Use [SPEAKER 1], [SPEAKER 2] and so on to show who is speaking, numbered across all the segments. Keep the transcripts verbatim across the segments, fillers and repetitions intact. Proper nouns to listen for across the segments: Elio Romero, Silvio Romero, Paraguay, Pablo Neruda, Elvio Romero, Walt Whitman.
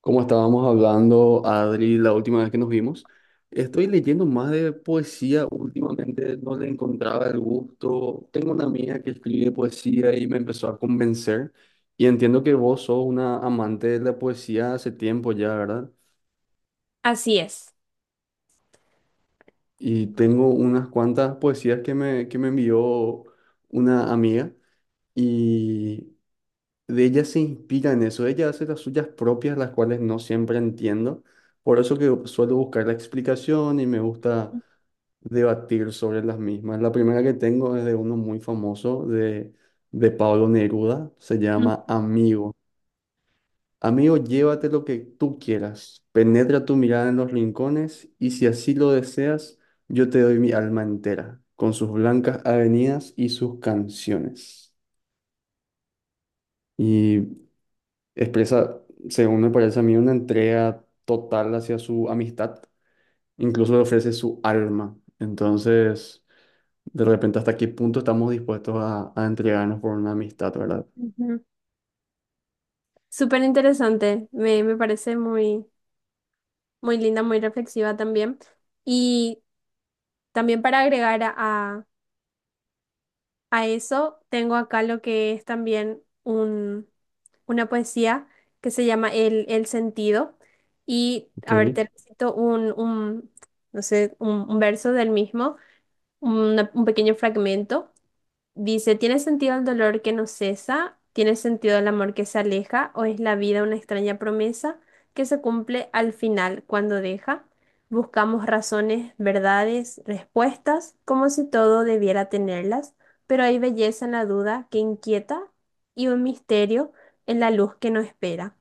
[SPEAKER 1] Como estábamos hablando, Adri, la última vez que nos vimos, estoy leyendo más de poesía últimamente, no le encontraba el gusto. Tengo una amiga que escribe poesía y me empezó a convencer. Y entiendo que vos sos una amante de la poesía hace tiempo ya, ¿verdad?
[SPEAKER 2] Así es.
[SPEAKER 1] Y tengo unas cuantas poesías que me, que me envió una amiga y de ella se inspira en eso, ella hace las suyas propias, las cuales no siempre entiendo, por eso que suelo buscar la explicación y me gusta debatir sobre las mismas. La primera que tengo es de uno muy famoso, de, de Pablo Neruda, se
[SPEAKER 2] Ujú,
[SPEAKER 1] llama Amigo. Amigo, llévate lo que tú quieras, penetra tu mirada en los rincones y si así lo deseas, yo te doy mi alma entera, con sus blancas avenidas y sus canciones. Y expresa, según me parece a mí, una entrega total hacia su amistad, incluso le ofrece su alma. Entonces, de repente, ¿hasta qué punto estamos dispuestos a, a entregarnos por una amistad, verdad?
[SPEAKER 2] ujú. Súper interesante, me, me parece muy, muy linda, muy reflexiva también. Y también para agregar a, a- a eso, tengo acá lo que es también un, una poesía que se llama El, El sentido. Y
[SPEAKER 1] Ok.
[SPEAKER 2] a ver, te recito un, un, no sé, un, un verso del mismo, una- un pequeño fragmento. Dice, ¿tiene sentido el dolor que no cesa? ¿Tiene sentido el amor que se aleja? ¿O es la vida una extraña promesa que se cumple al final cuando deja? Buscamos razones, verdades, respuestas, como si todo debiera tenerlas, pero hay belleza en la duda que inquieta y un misterio en la luz que no espera.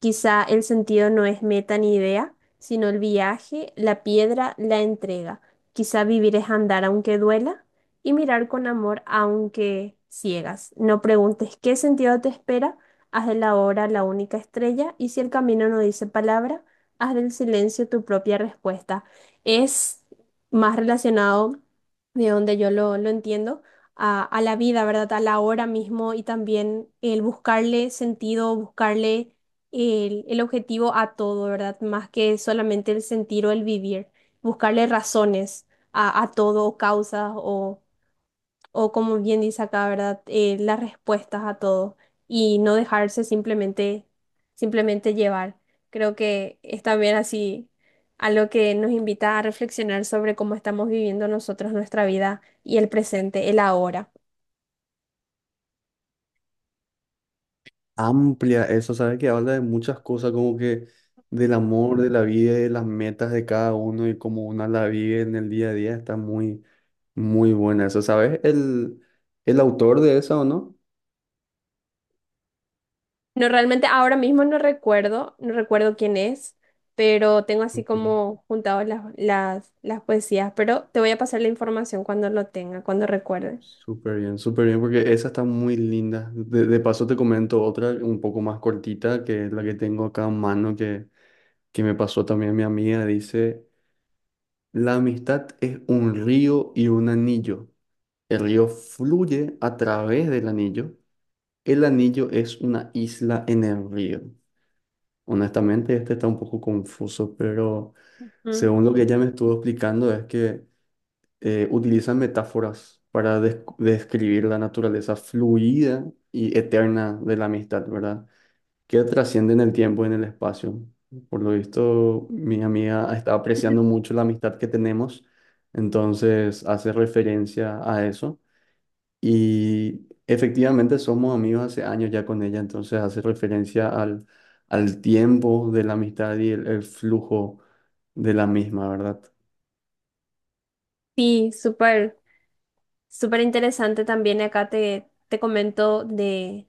[SPEAKER 2] Quizá el sentido no es meta ni idea, sino el viaje, la piedra, la entrega. Quizá vivir es andar aunque duela y mirar con amor aunque ciegas. No preguntes qué sentido te espera, haz de la hora la única estrella y si el camino no dice palabra, haz del silencio tu propia respuesta. Es más relacionado de donde yo lo, lo entiendo. A, a la vida, ¿verdad? A la hora mismo y también el buscarle sentido, buscarle el, el objetivo a todo, ¿verdad? Más que solamente el sentir o el vivir, buscarle razones a, a todo, causas o, o como bien dice acá, ¿verdad? Eh, las respuestas a todo y no dejarse simplemente, simplemente llevar. Creo que es también así algo que nos invita a reflexionar sobre cómo estamos viviendo nosotros nuestra vida y el presente, el ahora.
[SPEAKER 1] Amplia eso, ¿sabes? Que habla de muchas cosas, como que del amor, de la vida, y de las metas de cada uno y cómo uno la vive en el día a día. Está muy, muy buena eso, ¿sabes? El, el autor de eso, ¿o no?
[SPEAKER 2] No, realmente ahora mismo no recuerdo, no recuerdo quién es, pero tengo así
[SPEAKER 1] Ok.
[SPEAKER 2] como juntado las, las, las poesías, pero te voy a pasar la información cuando lo tenga, cuando recuerde.
[SPEAKER 1] Súper bien, súper bien, porque esa está muy linda. De, de paso te comento otra un poco más cortita, que es la que tengo acá en mano, que, que me pasó también mi amiga. Dice, la amistad es un río y un anillo. El río fluye a través del anillo. El anillo es una isla en el río. Honestamente, este está un poco confuso, pero
[SPEAKER 2] Mm.
[SPEAKER 1] según lo que ella me estuvo explicando, es que eh, utilizan metáforas para des- describir la naturaleza fluida y eterna de la amistad, ¿verdad? Que trasciende en el tiempo y en el espacio. Por lo visto, mi amiga está apreciando mucho la amistad que tenemos, entonces hace referencia a eso. Y efectivamente somos amigos hace años ya con ella, entonces hace referencia al, al tiempo de la amistad y el el flujo de la misma, ¿verdad?
[SPEAKER 2] Sí, súper. Súper interesante también acá te, te comento de,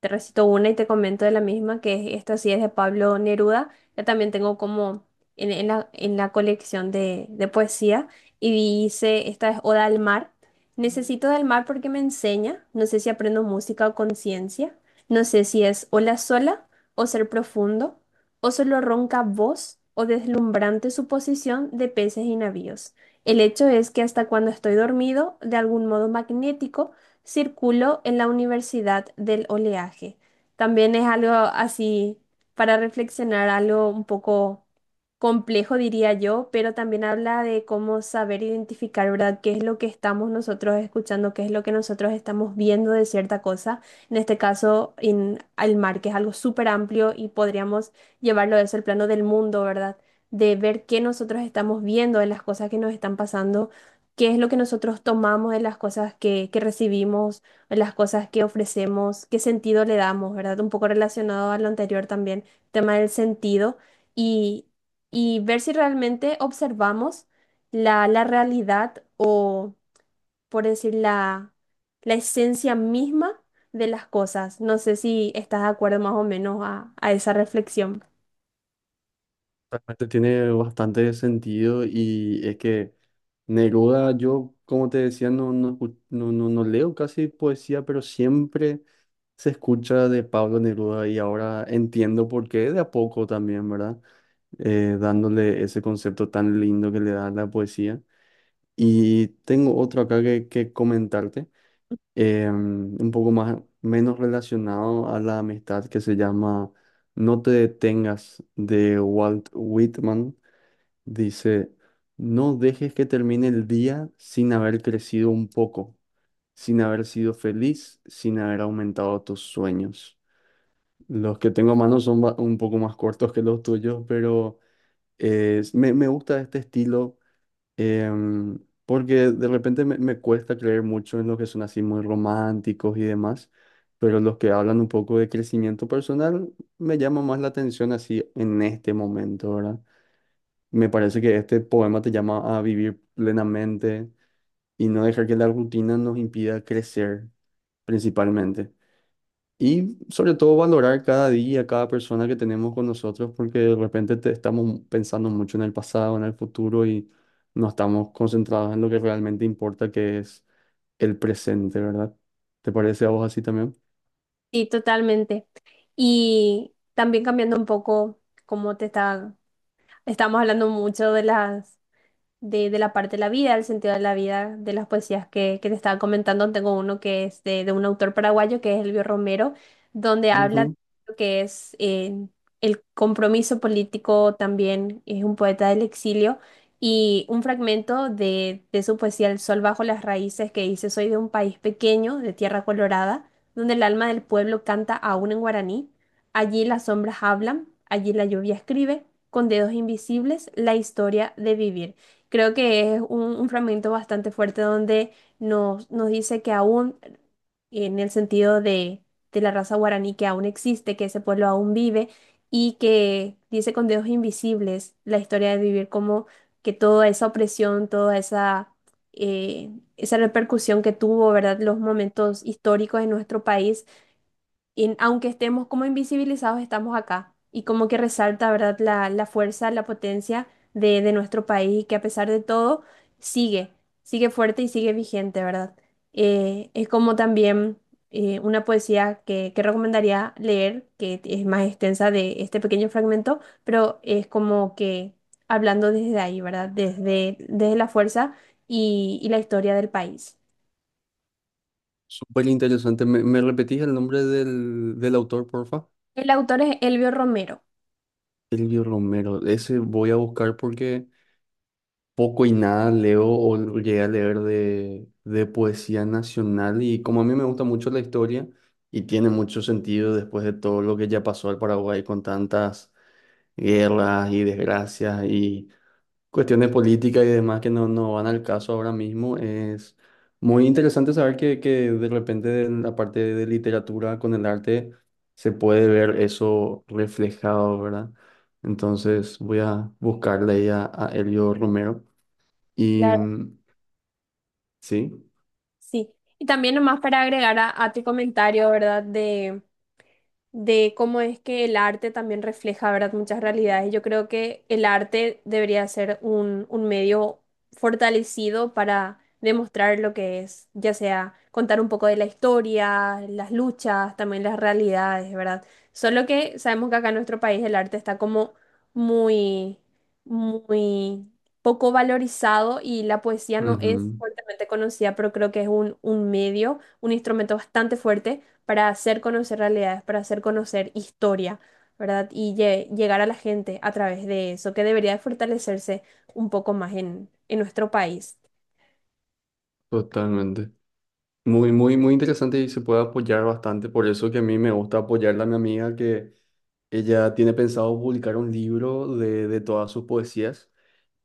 [SPEAKER 2] te recito una y te comento de la misma, que es- esta sí es de Pablo Neruda. Ya también tengo como en, en la, en la colección de, de poesía. Y dice, esta es Oda al mar. Necesito del mar porque me enseña. No sé si aprendo música o conciencia. No sé si es ola sola o ser profundo. O solo ronca voz o deslumbrante suposición de peces y navíos. El hecho es que hasta cuando estoy dormido, de algún modo magnético, circuló en la Universidad del Oleaje. También es algo así para reflexionar, algo un poco complejo, diría yo, pero también habla de cómo saber identificar, ¿verdad?, qué es lo que estamos nosotros escuchando, qué es lo que nosotros estamos viendo de cierta cosa. En este caso, en el mar, que es algo súper amplio y podríamos llevarlo a eso al plano del mundo, ¿verdad? De ver qué nosotros estamos viendo de las cosas que nos están pasando, qué es lo que nosotros tomamos de las cosas que, que recibimos, de las cosas que ofrecemos, qué sentido le damos, ¿verdad? Un poco relacionado a lo anterior también, tema del sentido y, y ver si realmente observamos la, la realidad o, por decir, la, la esencia misma de las cosas. No sé si estás de acuerdo más o menos a, a esa reflexión.
[SPEAKER 1] Realmente tiene bastante sentido y es que Neruda, yo como te decía, no, no, escu- no, no, no leo casi poesía, pero siempre se escucha de Pablo Neruda y ahora entiendo por qué de a poco también, ¿verdad? Eh, dándole ese concepto tan lindo que le da la poesía. Y tengo otro acá que, que comentarte, eh, un poco más, menos relacionado a la amistad que se llama No te detengas de Walt Whitman. Dice, no dejes que termine el día sin haber crecido un poco, sin haber sido feliz, sin haber aumentado tus sueños. Los que tengo a mano son ba- un poco más cortos que los tuyos, pero eh, me, me gusta este estilo, em, porque de repente me, me cuesta creer mucho en los que son así muy románticos y demás, pero los que hablan un poco de crecimiento personal me llama más la atención así en este momento, ¿verdad? Me parece que este poema te llama a vivir plenamente y no dejar que la rutina nos impida crecer principalmente. Y sobre todo valorar cada día, cada persona que tenemos con nosotros, porque de repente te estamos pensando mucho en el pasado, en el futuro y no estamos concentrados en lo que realmente importa, que es el presente, ¿verdad? ¿Te parece a vos así también?
[SPEAKER 2] Sí, totalmente. Y también cambiando un poco cómo te está. Estamos hablando mucho de las de, de la parte de la vida, el sentido de la vida de las poesías que, que te estaba comentando. Tengo uno que es de, de un autor paraguayo, que es Elvio Romero, donde habla de
[SPEAKER 1] Ujú.
[SPEAKER 2] lo que es eh, el compromiso político también, es un poeta del exilio. Y un fragmento de, de su poesía El sol bajo las raíces que dice, Soy de un país pequeño, de tierra colorada, donde el alma del pueblo canta aún en guaraní. Allí las sombras hablan, allí la lluvia escribe, con dedos invisibles, la historia de vivir. Creo que es un, un fragmento bastante fuerte donde nos, nos dice que aún, en el sentido de, de la raza guaraní, que aún existe, que ese pueblo aún vive y que dice con dedos invisibles la historia de vivir, como que toda esa opresión, toda esa, eh, esa repercusión que tuvo, ¿verdad? Los momentos históricos en nuestro país, y aunque estemos como invisibilizados, estamos acá. Y como que resalta, ¿verdad?, la, la fuerza, la potencia de, de nuestro país, que a pesar de todo sigue, sigue fuerte y sigue vigente, ¿verdad? Eh, es como también eh, una poesía que, que recomendaría leer, que es más extensa de este pequeño fragmento, pero es como que hablando desde ahí, ¿verdad? Desde, desde la fuerza y, y la historia del país.
[SPEAKER 1] Súper interesante. ¿Me, me repetís el nombre del, del autor, porfa?
[SPEAKER 2] El autor es Elvio Romero.
[SPEAKER 1] Silvio Romero, ese voy a buscar porque poco y nada leo o llegué a leer de, de poesía nacional y como a mí me gusta mucho la historia y tiene mucho sentido después de todo lo que ya pasó al Paraguay con tantas guerras y desgracias y cuestiones políticas y demás que no, no van al caso ahora mismo. Es muy interesante saber que, que de repente en la parte de literatura con el arte se puede ver eso reflejado, ¿verdad? Entonces voy a buscarle ahí a, a Elio Romero. Y mm, sí,
[SPEAKER 2] Sí, y también nomás para agregar a, a tu comentario, ¿verdad? De, de cómo es que el arte también refleja, ¿verdad?, muchas realidades. Yo creo que el arte debería ser un, un medio fortalecido para demostrar lo que es, ya sea contar un poco de la historia, las luchas, también las realidades, ¿verdad? Solo que sabemos que acá en nuestro país el arte está como muy, muy poco valorizado y la poesía no es
[SPEAKER 1] ujú,
[SPEAKER 2] fuertemente conocida, pero creo que es un, un medio, un instrumento bastante fuerte para hacer conocer realidades, para hacer conocer historia, ¿verdad? Y lle- llegar a la gente a través de eso, que debería de fortalecerse un poco más en, en nuestro país.
[SPEAKER 1] totalmente. Muy, muy, muy interesante y se puede apoyar bastante. Por eso que a mí me gusta apoyarla a mi amiga que ella tiene pensado publicar un libro de, de todas sus poesías.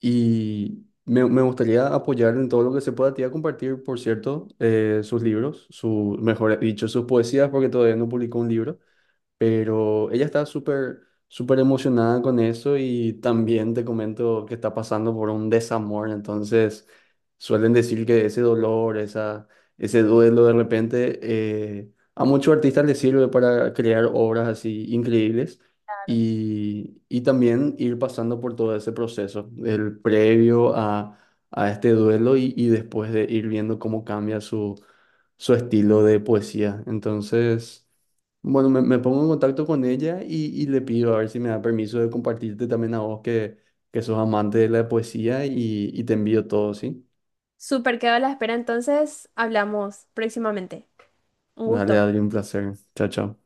[SPEAKER 1] Y me, me gustaría apoyar en todo lo que se pueda. Te iba a compartir, por cierto, eh, sus libros, su, mejor dicho, sus poesías, porque todavía no publicó un libro pero ella está súper, súper emocionada con eso y también te comento que está pasando por un desamor, entonces suelen decir que ese dolor, esa, ese duelo de repente, eh, a muchos artistas les sirve para crear obras así increíbles y, y también ir pasando por todo ese proceso, el previo a, a este duelo y, y después de ir viendo cómo cambia su, su estilo de poesía. Entonces, bueno, me, me pongo en contacto con ella y, y le pido a ver si me da permiso de compartirte también a vos que, que sos amante de la poesía y, y te envío todo, ¿sí?
[SPEAKER 2] Súper, quedo a la espera, entonces hablamos próximamente. Un
[SPEAKER 1] Dale,
[SPEAKER 2] gusto.
[SPEAKER 1] Adri, un placer. Chao, chao.